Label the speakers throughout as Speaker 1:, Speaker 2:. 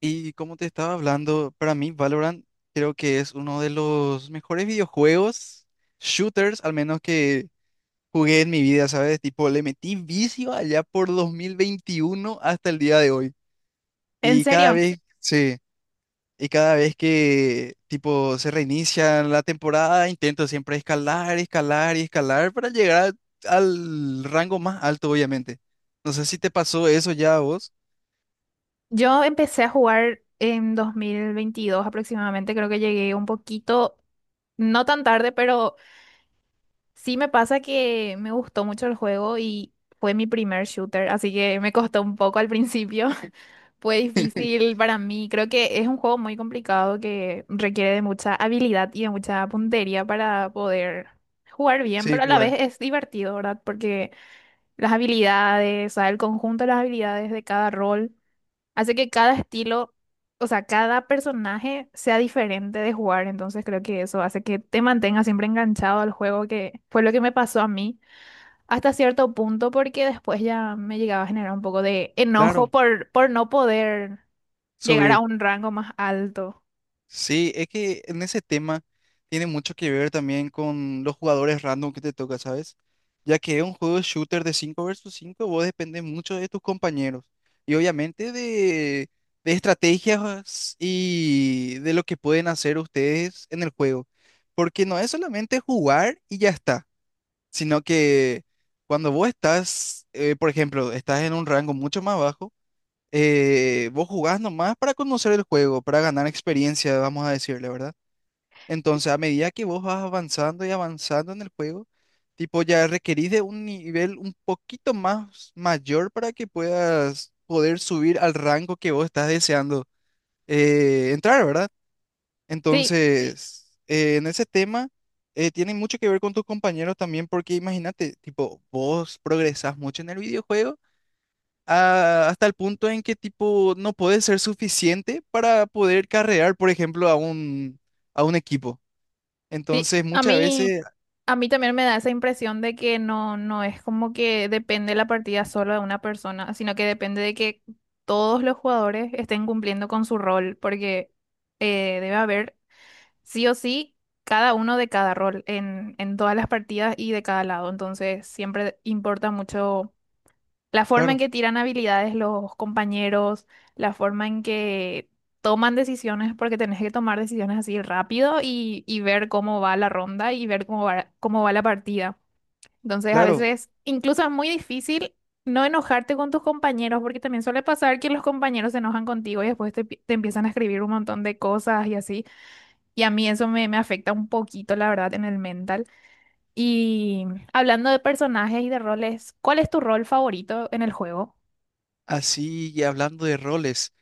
Speaker 1: Y como te estaba hablando, para mí Valorant creo que es uno de los mejores videojuegos, shooters, al menos que jugué en mi vida, ¿sabes? Tipo, le metí vicio allá por 2021 hasta el día de hoy.
Speaker 2: En
Speaker 1: Y cada
Speaker 2: serio,
Speaker 1: vez, sí, y cada vez que, tipo, se reinicia la temporada, intento siempre escalar, escalar y escalar para llegar al rango más alto, obviamente. No sé si te pasó eso ya a vos.
Speaker 2: yo empecé a jugar en 2022 aproximadamente, creo que llegué un poquito, no tan tarde, pero sí me pasa que me gustó mucho el juego y fue mi primer shooter, así que me costó un poco al principio, fue difícil para mí. Creo que es un juego muy complicado que requiere de mucha habilidad y de mucha puntería para poder jugar bien,
Speaker 1: Sí,
Speaker 2: pero a la vez
Speaker 1: jugar.
Speaker 2: es divertido, ¿verdad? Porque las habilidades, o sea, el conjunto de las habilidades de cada rol. Hace que cada estilo, o sea, cada personaje sea diferente de jugar, entonces creo que eso hace que te mantengas siempre enganchado al juego, que fue lo que me pasó a mí hasta cierto punto, porque después ya me llegaba a generar un poco de enojo
Speaker 1: Claro,
Speaker 2: por no poder llegar a
Speaker 1: subir.
Speaker 2: un rango más alto.
Speaker 1: Sí, es que en ese tema tiene mucho que ver también con los jugadores random que te toca, ¿sabes? Ya que es un juego shooter de 5 versus 5. Vos depende mucho de tus compañeros y obviamente de estrategias y de lo que pueden hacer ustedes en el juego. Porque no es solamente jugar y ya está, sino que cuando vos estás, por ejemplo, estás en un rango mucho más bajo, vos jugás nomás para conocer el juego, para ganar experiencia, vamos a decirle, ¿verdad? Entonces, a medida que vos vas avanzando y avanzando en el juego, tipo, ya requerís de un nivel un poquito más mayor para que puedas poder subir al rango que vos estás deseando entrar, ¿verdad?
Speaker 2: Sí,
Speaker 1: Entonces, en ese tema, tiene mucho que ver con tus compañeros también, porque imagínate, tipo, vos progresás mucho en el videojuego hasta el punto en que tipo no puede ser suficiente para poder carrear, por ejemplo, a un equipo.
Speaker 2: sí,
Speaker 1: Entonces,
Speaker 2: a
Speaker 1: muchas
Speaker 2: mí,
Speaker 1: veces,
Speaker 2: a mí también me da esa impresión de que no, no es como que depende la partida solo de una persona, sino que depende de que todos los jugadores estén cumpliendo con su rol, porque debe haber sí o sí cada uno de cada rol en todas las partidas y de cada lado. Entonces, siempre importa mucho. La forma en
Speaker 1: claro,
Speaker 2: que tiran habilidades los compañeros, la forma en que toman decisiones, porque tenés que tomar decisiones así rápido y ver cómo va la ronda y ver cómo va la partida. Entonces, a
Speaker 1: claro,
Speaker 2: veces incluso es muy difícil no enojarte con tus compañeros, porque también suele pasar que los compañeros se enojan contigo y después te, pi- te empiezan a escribir un montón de cosas y así. Y a mí eso me, me afecta un poquito, la verdad, en el mental. Y hablando de personajes y de roles, ¿cuál es tu rol favorito en el juego?
Speaker 1: así y hablando de roles,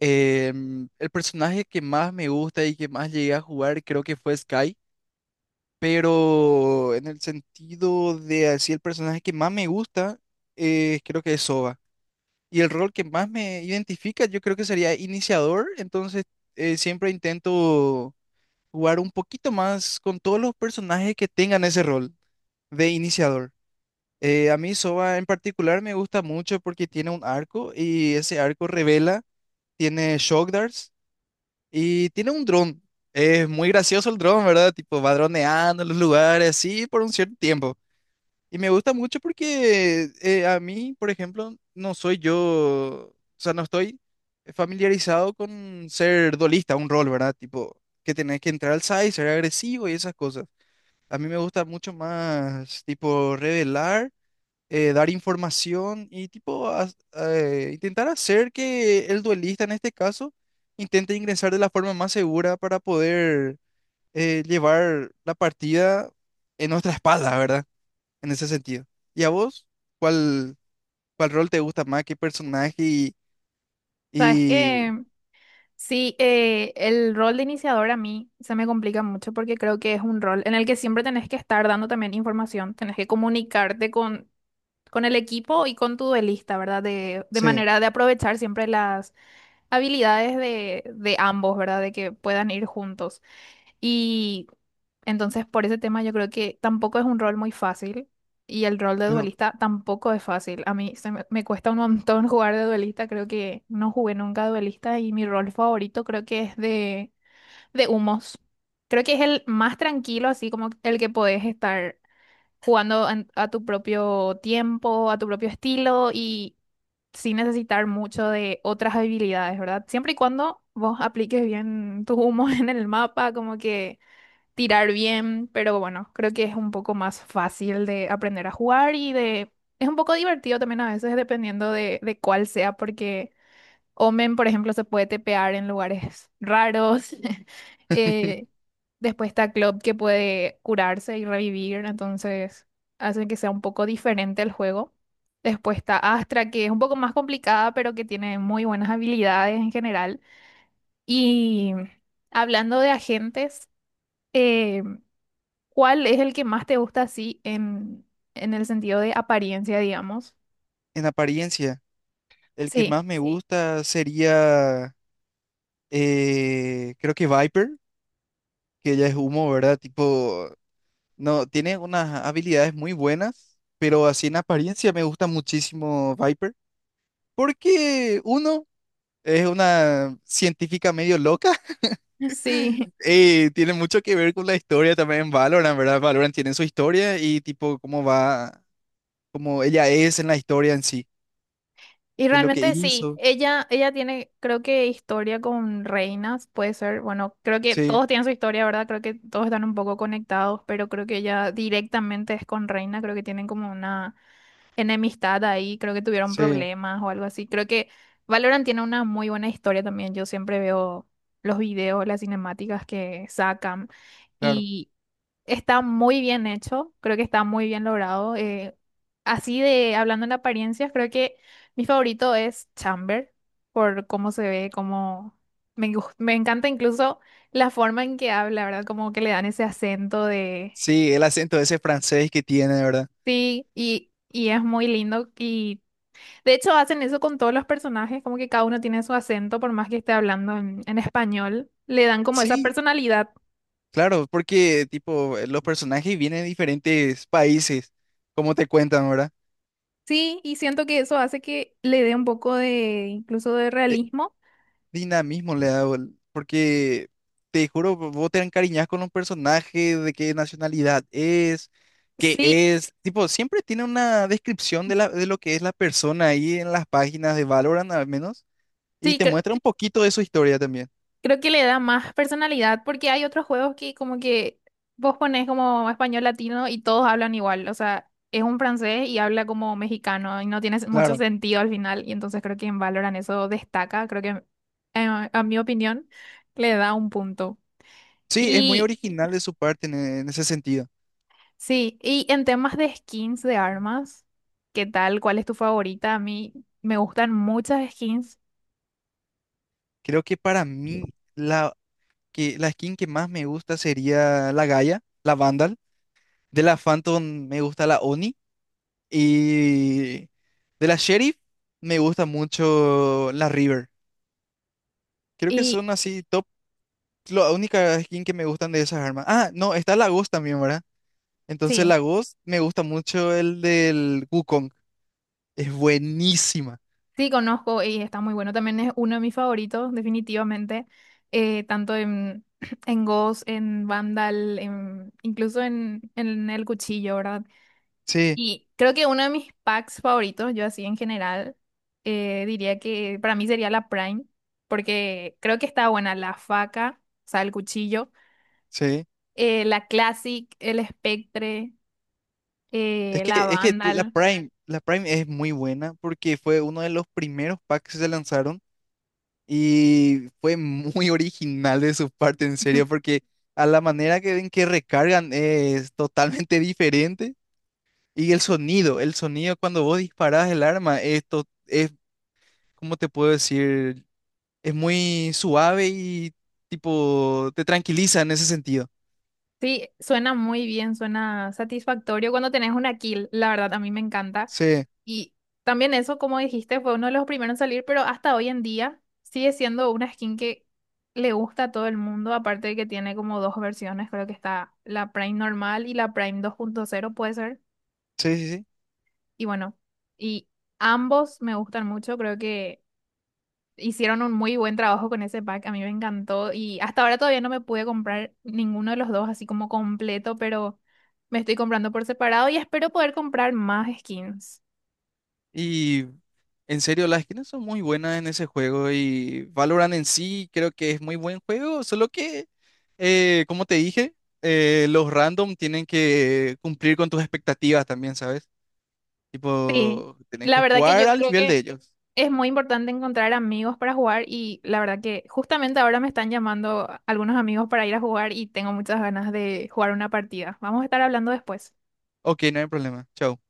Speaker 1: el personaje que más me gusta y que más llegué a jugar creo que fue Sky, pero en el sentido de así el personaje que más me gusta, creo que es Sova. Y el rol que más me identifica, yo creo que sería iniciador, entonces siempre intento jugar un poquito más con todos los personajes que tengan ese rol de iniciador. A mí Sova en particular me gusta mucho porque tiene un arco y ese arco revela, tiene shock darts y tiene un dron. Es muy gracioso el dron, ¿verdad? Tipo va droneando en los lugares así por un cierto tiempo. Y me gusta mucho porque a mí, por ejemplo, no soy yo, o sea, no estoy familiarizado con ser duelista, un rol, ¿verdad? Tipo, que tenés que entrar al side, ser agresivo y esas cosas. A mí me gusta mucho más, tipo, revelar, dar información y, tipo, intentar hacer que el duelista, en este caso, intente ingresar de la forma más segura para poder llevar la partida en nuestra espalda, ¿verdad? En ese sentido. ¿Y a vos? ¿Cuál, cuál rol te gusta más? ¿Qué personaje? Y,
Speaker 2: Sabes
Speaker 1: y...
Speaker 2: que sí, el rol de iniciador a mí se me complica mucho porque creo que es un rol en el que siempre tenés que estar dando también información, tenés que comunicarte con el equipo y con tu duelista, ¿verdad? De
Speaker 1: Sí,
Speaker 2: manera de aprovechar siempre las habilidades de ambos, ¿verdad? De que puedan ir juntos. Y entonces por ese tema yo creo que tampoco es un rol muy fácil y el rol de
Speaker 1: claro.
Speaker 2: duelista tampoco es fácil. A mí se me, me cuesta un montón jugar de duelista, creo que no jugué nunca duelista y mi rol favorito creo que es de humos. Creo que es el más tranquilo, así como el que podés estar jugando en- a tu propio tiempo, a tu propio estilo y sin necesitar mucho de otras habilidades, ¿verdad? Siempre y cuando vos apliques bien tus humos en el mapa, como que tirar bien, pero bueno, creo que es un poco más fácil de aprender a jugar y de... Es un poco divertido también a veces dependiendo de cuál sea, porque Omen, por ejemplo, se puede tepear en lugares raros. Eh, Después está Club que puede curarse y revivir, entonces hace que sea un poco diferente el juego. Después está Astra, que es un poco más complicada, pero que tiene muy buenas habilidades en general. Y hablando de agentes... eh, ¿Cuál es el que más te gusta así en el sentido de apariencia, digamos?
Speaker 1: En apariencia, el que
Speaker 2: Sí,
Speaker 1: más me, sí, gusta sería, creo que Viper. Que ella es humo, ¿verdad? Tipo, no, tiene unas habilidades muy buenas, pero así en apariencia me gusta muchísimo Viper, porque uno es una científica medio loca.
Speaker 2: sí.
Speaker 1: Y tiene mucho que ver con la historia también en Valorant, ¿verdad? Valorant tiene su historia y tipo cómo va, cómo ella es en la historia en sí,
Speaker 2: Y
Speaker 1: de lo que
Speaker 2: realmente sí,
Speaker 1: hizo.
Speaker 2: ella tiene, creo que historia con reinas, puede ser, bueno, creo que
Speaker 1: Sí,
Speaker 2: todos tienen su historia, ¿verdad? Creo que todos están un poco conectados, pero creo que ella directamente es con reina, creo que tienen como una enemistad ahí, creo que tuvieron
Speaker 1: sí,
Speaker 2: problemas o algo así. Creo que Valorant tiene una muy buena historia también, yo siempre veo los videos, las cinemáticas que sacan.
Speaker 1: claro.
Speaker 2: Y está muy bien hecho, creo que está muy bien logrado. Así de hablando en apariencias, creo que mi favorito es Chamber, por cómo se ve, cómo me, gus- me encanta incluso la forma en que habla, ¿verdad? Como que le dan ese acento de
Speaker 1: Sí, el acento ese francés que tiene, ¿verdad?
Speaker 2: sí, y es muy lindo. Y de hecho hacen eso con todos los personajes, como que cada uno tiene su acento, por más que esté hablando en español, le dan como esa
Speaker 1: Sí,
Speaker 2: personalidad.
Speaker 1: claro, porque tipo los personajes vienen de diferentes países, como te cuentan, ¿verdad?
Speaker 2: Sí, y siento que eso hace que le dé un poco de, incluso de
Speaker 1: Eh,
Speaker 2: realismo.
Speaker 1: Dinamismo le da, porque te juro, vos te encariñás con un personaje, de qué nacionalidad es, qué
Speaker 2: Sí,
Speaker 1: es, tipo, siempre tiene una descripción de la, de lo que es la persona ahí en las páginas de Valorant al menos, y
Speaker 2: sí,
Speaker 1: te
Speaker 2: cre-
Speaker 1: muestra un poquito de su historia también.
Speaker 2: creo que le da más personalidad porque hay otros juegos que como que vos ponés como español latino y todos hablan igual, o sea, es un francés y habla como mexicano y no tiene mucho
Speaker 1: Claro.
Speaker 2: sentido al final y entonces creo que en Valorant eso destaca, creo que a mi opinión le da un punto.
Speaker 1: Sí, es muy
Speaker 2: Y
Speaker 1: original de su parte en ese sentido.
Speaker 2: sí, y en temas de skins de armas, ¿qué tal? ¿Cuál es tu favorita? A mí me gustan muchas skins
Speaker 1: Creo que para mí que la skin que más me gusta sería la Gaia, la Vandal. De la Phantom me gusta la Oni. Y de la Sheriff me gusta mucho la River. Creo que
Speaker 2: y
Speaker 1: son así top. La única skin que me gustan de esas armas. Ah, no, está la Ghost también, ¿verdad? Entonces
Speaker 2: sí.
Speaker 1: la Ghost me gusta mucho el del Wukong. Es buenísima.
Speaker 2: Sí, conozco y está muy bueno. También es uno de mis favoritos, definitivamente. Tanto en, en Ghost, en Vandal, en, incluso en El Cuchillo, ¿verdad?
Speaker 1: Sí,
Speaker 2: Y creo que uno de mis packs favoritos, yo así en general, diría que para mí sería la Prime, porque creo que está buena la faca, o sea, el cuchillo,
Speaker 1: sí.
Speaker 2: la Classic, el Spectre,
Speaker 1: Es que,
Speaker 2: la
Speaker 1: es que la
Speaker 2: Vandal.
Speaker 1: Prime, la Prime es muy buena porque fue uno de los primeros packs que se lanzaron. Y fue muy original de su parte, en serio, porque a la manera que ven que recargan es totalmente diferente. Y el sonido cuando vos disparás el arma, esto es, ¿cómo te puedo decir? Es muy suave y tipo te tranquiliza en ese sentido.
Speaker 2: Sí, suena muy bien, suena satisfactorio cuando tenés una kill, la verdad, a mí me encanta.
Speaker 1: Sí,
Speaker 2: Y también eso, como dijiste, fue uno de los primeros en salir, pero hasta hoy en día sigue siendo una skin que le gusta a todo el mundo, aparte de que tiene como dos versiones, creo que está la Prime normal y la Prime 2.0 puede ser.
Speaker 1: sí, sí, sí.
Speaker 2: Y bueno, y ambos me gustan mucho, creo que hicieron un muy buen trabajo con ese pack, a mí me encantó y hasta ahora todavía no me pude comprar ninguno de los dos así como completo, pero me estoy comprando por separado y espero poder comprar más skins.
Speaker 1: Y en serio, las skins son muy buenas en ese juego y Valorant en sí creo que es muy buen juego, solo que, como te dije, los random tienen que cumplir con tus expectativas también, ¿sabes?
Speaker 2: Sí,
Speaker 1: Tipo, tenés
Speaker 2: la
Speaker 1: que
Speaker 2: verdad que
Speaker 1: jugar
Speaker 2: yo
Speaker 1: al
Speaker 2: creo
Speaker 1: nivel
Speaker 2: que
Speaker 1: de ellos.
Speaker 2: es muy importante encontrar amigos para jugar y la verdad que justamente ahora me están llamando algunos amigos para ir a jugar y tengo muchas ganas de jugar una partida. Vamos a estar hablando después.
Speaker 1: Ok, no hay problema. Chao.